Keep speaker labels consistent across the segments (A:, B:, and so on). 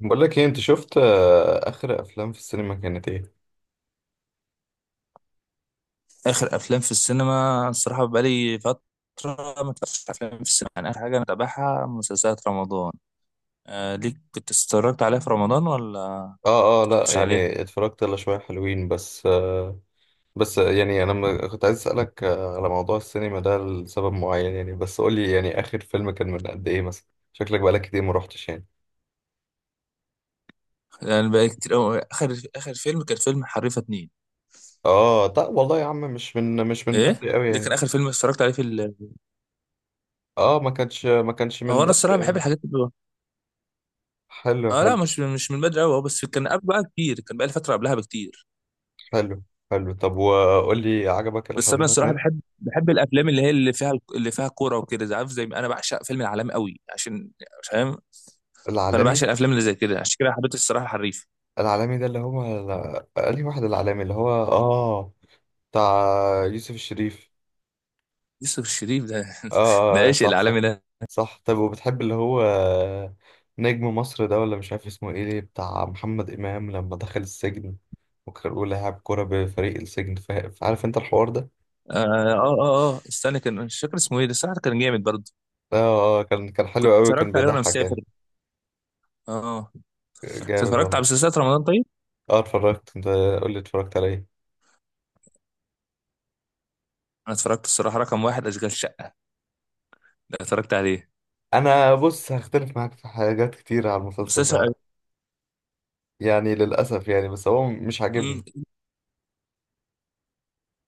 A: بقول لك ايه، انت شفت اخر افلام في السينما كانت ايه؟
B: اخر افلام في السينما الصراحه بقالي فتره ما اتفرجتش على افلام في السينما، يعني اخر حاجه انا بتابعها مسلسلات رمضان. آه، ليك كنت اتفرجت عليها في رمضان ولا ما
A: اه لا
B: اتفرجتش عليها؟
A: يعني اتفرجت على شويه حلوين، بس بس يعني انا كنت عايز اسالك على موضوع السينما ده لسبب معين يعني. بس قول لي يعني اخر فيلم كان من قد ايه مثلا؟ شكلك بقالك كتير ما روحتش يعني.
B: يعني بقالي كتير أوي. اخر فيلم كان فيلم حريفه اتنين.
A: اه، طب والله يا عم مش من مش من
B: ايه
A: بدري قوي
B: ده كان
A: يعني.
B: اخر فيلم اتفرجت عليه في ال... آه،
A: اه، ما كانش
B: هو
A: من
B: انا
A: بدري
B: الصراحه بحب
A: قوي.
B: الحاجات اللي...
A: حلو
B: اه، لا،
A: حلو
B: مش من بدري قوي، بس كان قبل بقى كتير، كان بقى لي فتره قبلها بكتير.
A: حلو حلو. طب وقول لي، عجبك
B: بس انا
A: الحريفه
B: الصراحه
A: اتنين؟
B: بحب الافلام اللي فيها كوره وكده، عارف، زي ما انا بعشق فيلم العالمي قوي عشان... فاهم، فانا بعشق
A: العالمي.
B: الافلام اللي زي كده، عشان كده حبيت الصراحه الحريف.
A: العالمي ده اللي هو، قال لي واحد العالمي اللي هو اه، بتاع يوسف الشريف.
B: يوسف الشريف ده
A: اه
B: ده عشق
A: صح، صح.
B: العالمي ده.
A: صح. طب وبتحب اللي هو نجم مصر ده، ولا مش عارف اسمه ايه، ليه بتاع محمد إمام لما دخل السجن وكان بيقول هيلعب كورة بفريق السجن، فعارف انت الحوار ده.
B: اه، اه، اه، آه. استنى، كان مش فاكر اسمه ايه ده، الصراحه كان جامد برضه.
A: اه كان
B: كنت
A: حلو قوي، كان
B: اتفرجت عليه وانا
A: بيضحك
B: مسافر.
A: يعني.
B: اه. انت
A: جامد
B: اتفرجت على
A: والله.
B: مسلسلات رمضان طيب؟
A: اه اتفرجت. انت قول لي اتفرجت على ايه.
B: انا اتفرجت الصراحه رقم واحد اشغال شقه، ده اتفرجت عليه.
A: انا بص، هختلف معاك في حاجات كتير على المسلسل
B: مسلسل
A: ده يعني، للاسف يعني. بس هو مش
B: مم.
A: عاجبني.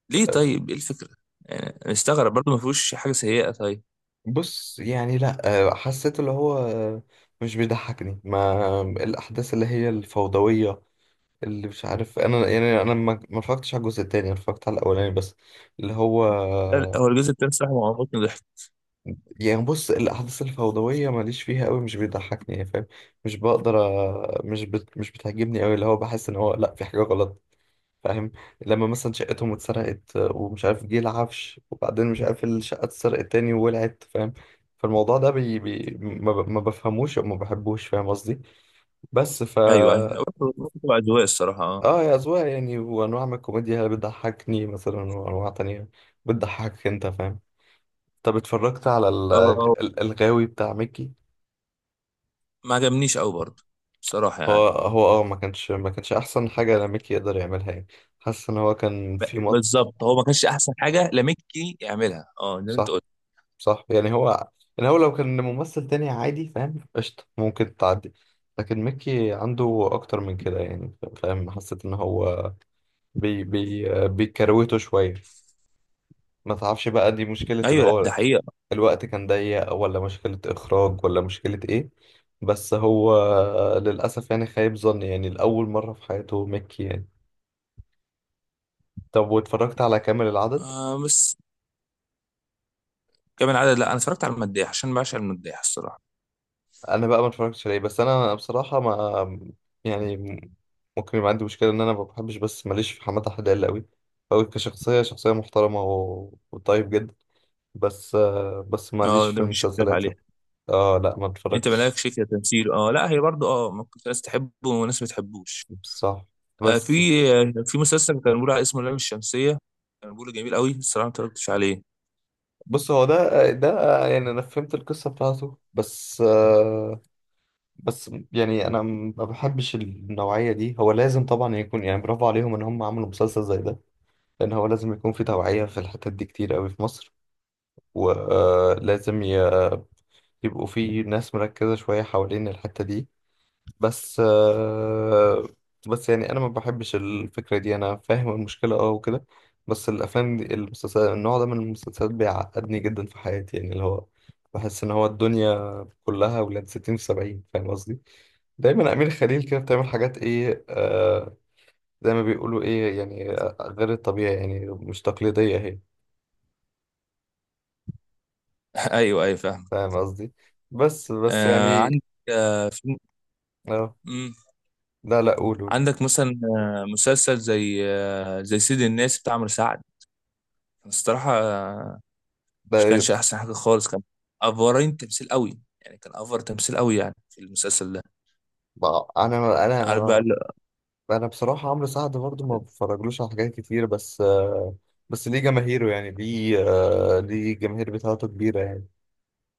B: ليه طيب، ايه الفكره؟ يعني أنا مستغرب برضه، ما فيهوش حاجه سيئه طيب.
A: بص يعني، لا حسيت اللي هو مش بيضحكني ما الاحداث اللي هي الفوضويه اللي مش عارف. انا يعني انا ما اتفرجتش على الجزء التاني، انا اتفرجت على الاولاني بس، اللي هو
B: لا، لا، هو الجزء التاني الصراحه ما عمرني ضحك.
A: يعني بص، الاحداث الفوضويه ماليش فيها قوي، مش بيضحكني يعني، فاهم؟ مش بقدر مش بتعجبني قوي، اللي هو بحس ان هو لا في حاجه غلط، فاهم؟ لما مثلا شقتهم اتسرقت ومش عارف جه العفش وبعدين مش عارف الشقة اتسرقت تاني وولعت، فاهم؟ فالموضوع ده بي بي ما, ب... ما بفهموش او ما بحبوش، فاهم قصدي؟ بس
B: ايوه، ايوه،
A: فا،
B: برضه تبقى اذواق الصراحه. اه
A: اه يا أذواق يعني، وانواع من الكوميديا اللي بتضحكني مثلا، وانواع تانية بتضحكك انت، فاهم؟ طب اتفرجت على
B: اه، آه.
A: الغاوي بتاع ميكي؟
B: ما عجبنيش قوي برضه بصراحه
A: هو
B: يعني.
A: هو اه، ما كانش احسن حاجة ميكي يقدر يعملها يعني. حاسس ان هو كان في مط.
B: بالظبط، هو ما كانش احسن حاجه لاميكي يعملها، اه، زي ما انت
A: صح،
B: قلت.
A: صح يعني. هو يعني، هو لو كان ممثل تاني عادي فاهم، قشطة ممكن تعدي. لكن ميكي عنده أكتر من كده يعني، فاهم؟ حسيت إن هو بي بي بيكروته شوية. ما تعرفش بقى دي مشكلة اللي
B: ايوه، لا، ده
A: هو
B: حقيقه.
A: الوقت كان ضيق، ولا مشكلة إخراج، ولا مشكلة إيه. بس هو للأسف يعني خايب ظني، يعني لأول مرة في حياته ميكي يعني. طب واتفرجت على كامل العدد؟
B: آه، بس كمان عدد. لا، انا اتفرجت على المداح عشان بعشق المداح الصراحه.
A: انا بقى ما اتفرجتش عليه، بس انا بصراحه ما، يعني ممكن يبقى عندي مشكله ان انا ما بحبش، بس ماليش في حماده حلال قوي. فهو كشخصيه، شخصيه محترمه وطيب جدا. بس بس ماليش
B: اه،
A: في
B: ده مفيش اختلاف
A: المسلسلات.
B: عليها.
A: اه لا، ما
B: انت
A: اتفرجتش.
B: مالكش كتمثيل، اه، لا، هي برضه، اه، ممكن في ناس تحبه وناس ما تحبوش.
A: بصح.
B: آه في
A: بس.
B: في مسلسل كان بيقول على اسمه اللام الشمسيه، كان بيقول جميل قوي الصراحه، ما اتفرجتش عليه.
A: بص هو ده يعني انا فهمت القصه بتاعته، بس بس يعني انا ما بحبش النوعيه دي. هو لازم طبعا يكون يعني برافو عليهم ان هم عملوا مسلسل زي ده، لان هو لازم يكون في توعية في الحتت دي كتير قوي في مصر، ولازم يبقوا في ناس مركزة شوية حوالين الحتة دي. بس بس يعني أنا ما بحبش الفكرة دي. أنا فاهم المشكلة أه وكده، بس الأفلام دي، المسلسلات، النوع ده من المسلسلات بيعقدني جدا في حياتي يعني. اللي هو بحس إن هو الدنيا كلها ولاد ستين في سبعين، فاهم قصدي؟ دايما أمير خليل كده بتعمل حاجات إيه، آه زي ما بيقولوا إيه يعني، غير الطبيعي يعني، مش تقليدية هي.
B: ايوه، ايوه، فاهم.
A: فاهم قصدي؟ بس بس
B: آه
A: يعني،
B: عندك آه في
A: اه.
B: مم.
A: لا لا، قول قول.
B: عندك مثلا، مسلسل زي، زي سيد الناس بتاع عمرو سعد، الصراحه مش
A: ده
B: كانش احسن حاجه خالص، كان افورين تمثيل قوي يعني، كان افور تمثيل قوي يعني في المسلسل ده.
A: ده- انا
B: عارف بقى
A: انا
B: ال-
A: انا بصراحه عمرو سعد برضه ما بفرجلوش على حاجات كتير، بس بس ليه جماهيره يعني، ليه ليه الجماهير بتاعته كبيره يعني.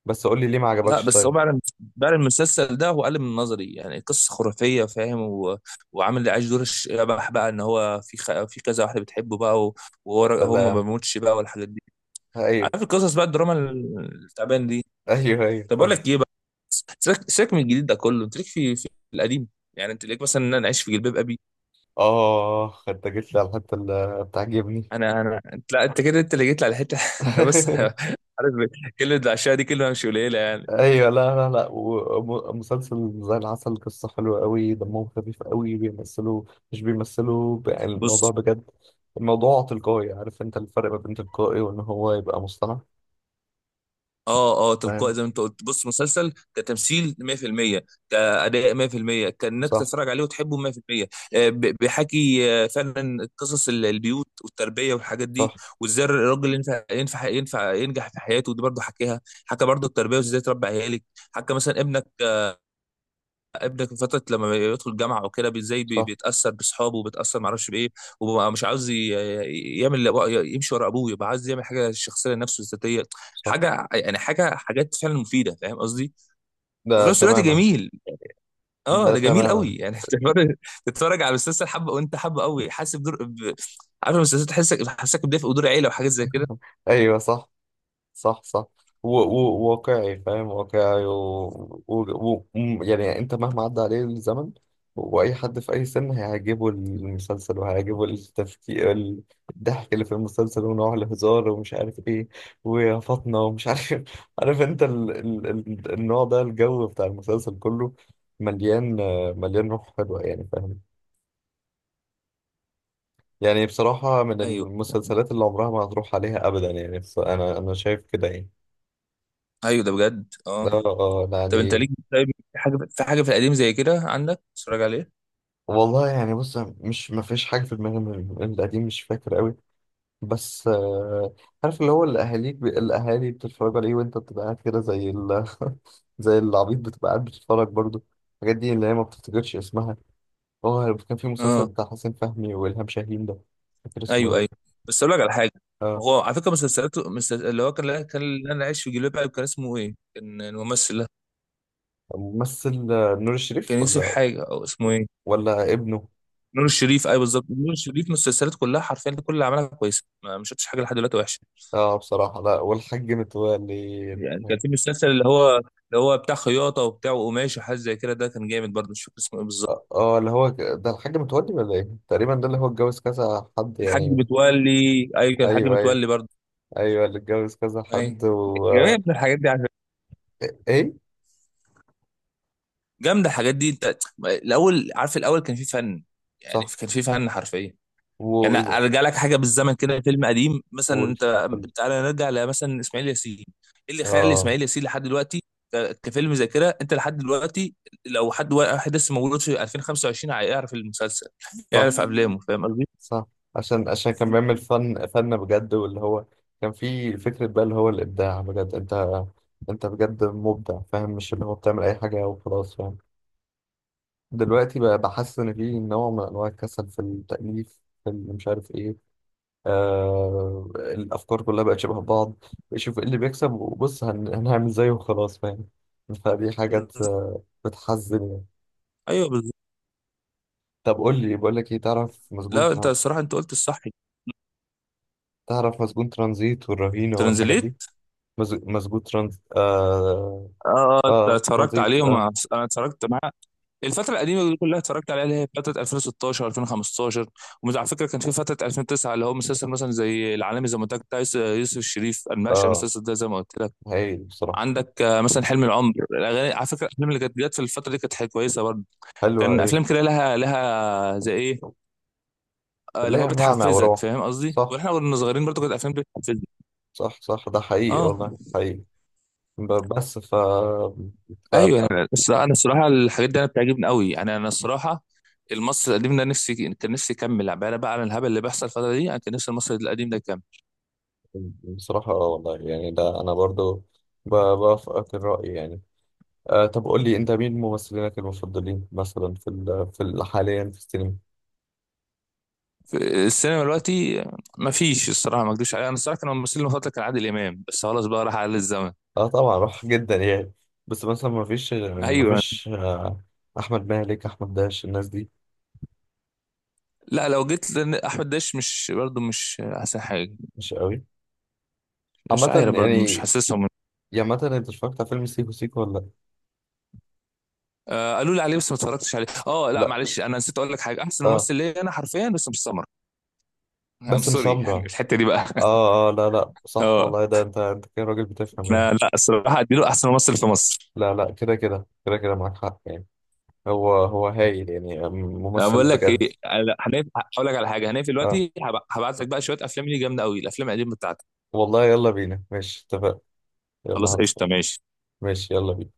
A: بس قول لي ليه ما
B: لا،
A: عجبكش
B: بس هو
A: طيب.
B: بعد المسلسل ده هو قلب من نظري، يعني قصه خرافيه فاهم، و... وعامل اللي عايش دور الشبح بقى، ان هو في كذا واحده بتحبه بقى، و... هو ما
A: سلام.
B: بيموتش بقى والحاجات دي.
A: ايوه.
B: عارف القصص بقى، الدراما التعبان دي.
A: ايوه ايوه،
B: طب اقول
A: فاهم.
B: لك ايه بقى، سيبك سيبك من الجديد ده كله، انت ليك في القديم. يعني انت ليك مثلا ان انا اعيش في جلباب ابي.
A: اه، انت جيت لي على الحته اللي بتعجبني.
B: انا انت، لا، انت كده انت اللي جيت لي على حته بص، عارف، كلمه العشاء دي كلمه مش قليله يعني.
A: ايوه، لا لا لا، ومسلسل زي العسل، قصه حلوه قوي، دمهم خفيف قوي، بيمثلوا مش بيمثلوا بقى
B: بص،
A: الموضوع بجد. الموضوع تلقائي، عارف انت الفرق ما بين تلقائي وان هو يبقى مصطنع،
B: اه، اه، تلقائي
A: فاهم؟
B: زي ما انت قلت. بص مسلسل كتمثيل 100% كاداء 100% كانك
A: صح.
B: تتفرج عليه وتحبه 100%. آه، بيحكي، آه، فعلا قصص البيوت والتربيه والحاجات دي،
A: صح
B: وازاي الراجل ينفع ينفع ينفع ينجح في حياته، ودي برضه حكيها، حكى برضه التربيه وازاي تربي عيالك. حكى مثلا ابنك في فتره لما يدخل الجامعه او كده،
A: صح
B: بيتاثر باصحابه وبيتاثر معرفش بايه، وبقى مش عاوز يعمل، يمشي ورا ابوه، يبقى عاوز يعمل حاجه شخصيه لنفسه ذاتيه.
A: صح.
B: حاجه يعني، حاجه حاجات فعلا مفيده فاهم قصدي،
A: ده
B: وفي نفس الوقت
A: تماما.
B: جميل.
A: ده
B: اه، ده جميل
A: تماما.
B: قوي يعني تتفرج على مسلسل حبه وانت حبه قوي، حاسس بدور... ب... عارف المسلسل تحسك، حاسك بدافئ ودور عيله وحاجات زي كده.
A: ايوه صح. صح. واقعي، فاهم، واقعي يعني، انت مهما عدى عليه الزمن، واي حد في اي سن هيعجبه المسلسل، وهيعجبه التفكير الضحك اللي في المسلسل، ونوع الهزار ومش عارف ايه، ويا فاطمه ومش عارف عارف انت النوع ده، الجو بتاع المسلسل كله مليان، مليان روح حلوه يعني، فاهم؟ يعني بصراحه من
B: ايوه،
A: المسلسلات اللي عمرها ما هتروح عليها ابدا يعني. انا شايف كده يعني.
B: ايوه، ده بجد.
A: اه
B: اه، طب انت
A: يعني.
B: ليك طيب، في حاجه في القديم زي كده عندك تتفرج عليه؟
A: والله يعني بص، مش ما فيش حاجه في دماغي من القديم، مش فاكر قوي. بس عارف اللي هو الاهاليك الاهالي بتتفرج عليه وانت بتبقى قاعد كده زي زي العبيط بتبقى قاعد بتتفرج برضو. الحاجات دي اللي هي ما بتفتكرش اسمها. هو كان في مسلسل
B: اه،
A: بتاع حسين فهمي والهام شاهين ده، مش فاكر اسمه
B: ايوه، ايوه.
A: ايه.
B: بس اقول لك على حاجه،
A: اه
B: هو على فكره، مسلسل اللي هو كان اللي انا عايش في جلباب ابي كان اسمه ايه؟ كان الممثل ده
A: ممثل نور
B: كان
A: الشريف
B: يوسف
A: ولا،
B: حاجه او اسمه ايه؟
A: ولا ابنه.
B: نور الشريف، ايوه بالظبط، نور الشريف مسلسلاته كلها حرفيا كل اللي عملها كويسه، ما شفتش حاجه لحد دلوقتي وحشه.
A: اه بصراحه، لا، والحاج متولي.
B: يعني كان
A: اه
B: في مسلسل اللي هو بتاع خياطه وبتاع وقماش وحاجات زي كده، ده كان جامد برضه، مش فاكر اسمه ايه بالظبط.
A: اللي هو ده الحاج متولي ولا ايه، تقريبا ده اللي هو اتجوز كذا حد
B: الحاج
A: يعني.
B: متولي، ايوه كان الحاج
A: ايوه، ايوه.
B: متولي برضه.
A: ايوه اللي اتجوز كذا
B: ايوه
A: حد. و
B: جامد الحاجات دي على فكرة.
A: ايه؟
B: جامده الحاجات دي انت. الاول، عارف، الاول كان في فن، يعني
A: صح،
B: كان في فن حرفيا.
A: و
B: يعني
A: قول،
B: ارجع لك حاجه بالزمن كده، فيلم قديم مثلا
A: قول.
B: انت، تعالى نرجع لمثلا اسماعيل ياسين. ايه اللي خلى
A: اه.
B: اسماعيل ياسين لحد دلوقتي كفيلم ذاكره انت لحد دلوقتي؟ لو حد واحد لسه مولود في 2025 هيعرف المسلسل،
A: صح،
B: يعرف افلامه فاهم قصدي؟
A: صح. عشان عشان كان بيعمل فن، فن بجد، واللي هو كان في فكرة بقى اللي هو الإبداع بجد. أنت أنت بجد مبدع، فاهم، مش اللي هو بتعمل أي حاجة وخلاص، فاهم؟ دلوقتي بقى بحس إن في نوع من أنواع الكسل في التأليف، في اللي مش عارف إيه. آه، الافكار كلها بقت شبه بعض، بيشوف ايه اللي بيكسب وبص هنعمل زيه وخلاص، فاهم؟ فدي حاجات بتحزن يعني.
B: ايوه بالظبط.
A: طب قول لي، بقول لك ايه،
B: لا، انت الصراحه انت قلت الصح.
A: تعرف مسجون ترانزيت والرهينه والحاجات دي؟
B: ترانزليت.
A: مز... مسجون ترانز اه.
B: اه، آه،
A: اه
B: انت اتفرجت
A: ترانزيت،
B: عليهم.
A: اه.
B: انا اتفرجت معاه الفترة القديمة دي كلها، اتفرجت عليها، اللي هي فترة 2016، 2015. وعلى فكرة كان في فترة 2009 اللي هو مسلسل مثلا زي العالمي، زي ما قلت لك بتاع يوسف الشريف، انا بعشق
A: اه
B: المسلسل ده زي ما قلت لك.
A: هايل بصراحه.
B: عندك، آه، مثلا حلم العمر الاغاني، على فكرة الافلام اللي كانت جت في الفترة دي كانت حاجة كويسة برضه.
A: حلوه
B: كان
A: ايه،
B: افلام كده لها، زي ايه، آه، اللي هو
A: ليها معنى
B: بتحفزك
A: وروح.
B: فاهم قصدي؟
A: صح.
B: واحنا كنا صغيرين برضه كانت الافلام بتحفزنا.
A: صح، صح، ده حقيقي
B: اه،
A: والله، حقيقي. بس ف...
B: ايوه، بس انا الصراحه الحاجات دي انا بتعجبني قوي يعني، انا الصراحه المصري القديم ده، نفسي كان نفسي يكمل بقى، انا بقى على الهبل اللي بيحصل الفتره دي، انا كان نفسي المصري القديم ده يكمل.
A: بصراحة اه والله يعني، ده أنا برضو بوافقك الرأي يعني. آه طب قول لي، أنت مين ممثلينك المفضلين مثلا في حاليا في السينما؟
B: في السينما دلوقتي ما فيش الصراحه، ما اكدبش عليها، انا الصراحه كان الممثل المفضل كان عادل امام، بس خلاص بقى راح على الزمن.
A: اه طبعا روح جدا يعني. بس مثلا ما فيش ما
B: ايوه.
A: فيش آه، أحمد مالك، أحمد داش، الناس دي؟
B: لا، لو جيت لان احمد داش، مش برضه مش احسن حاجه.
A: مش قوي،
B: مش
A: عامة
B: عارف برضه
A: يعني.
B: مش حاسسهم.
A: يا مثلا أنت اتفرجت على فيلم سيكو سيكو ولا؟
B: آه، قالوا لي عليه بس ما اتفرجتش عليه. اه، لا،
A: لأ؟
B: معلش انا نسيت اقول لك حاجه، احسن
A: اه،
B: ممثل ليا انا حرفيا، بس مش سمر،
A: باسم
B: سوري يعني
A: سمرة.
B: الحته دي بقى.
A: اه اه لا لا، صح
B: اه،
A: والله، ده أنت أنت كده راجل بتفهم يعني.
B: انا، لا الصراحه اديله احسن ممثل في مصر.
A: لا لا، كده معاك حق يعني. هو هايل يعني،
B: انا
A: ممثل
B: بقول لك ايه،
A: بجد.
B: أنا هنقف- هقول لك على حاجه، هنقفل
A: اه
B: دلوقتي، هبعت لك بقى شويه افلام ليه جامده قوي الافلام القديمه بتاعتك.
A: والله، يلا بينا، ماشي، اتفقنا. يلا
B: خلاص، قشطه،
A: هطفر.
B: ماشي.
A: ماشي، يلا بينا.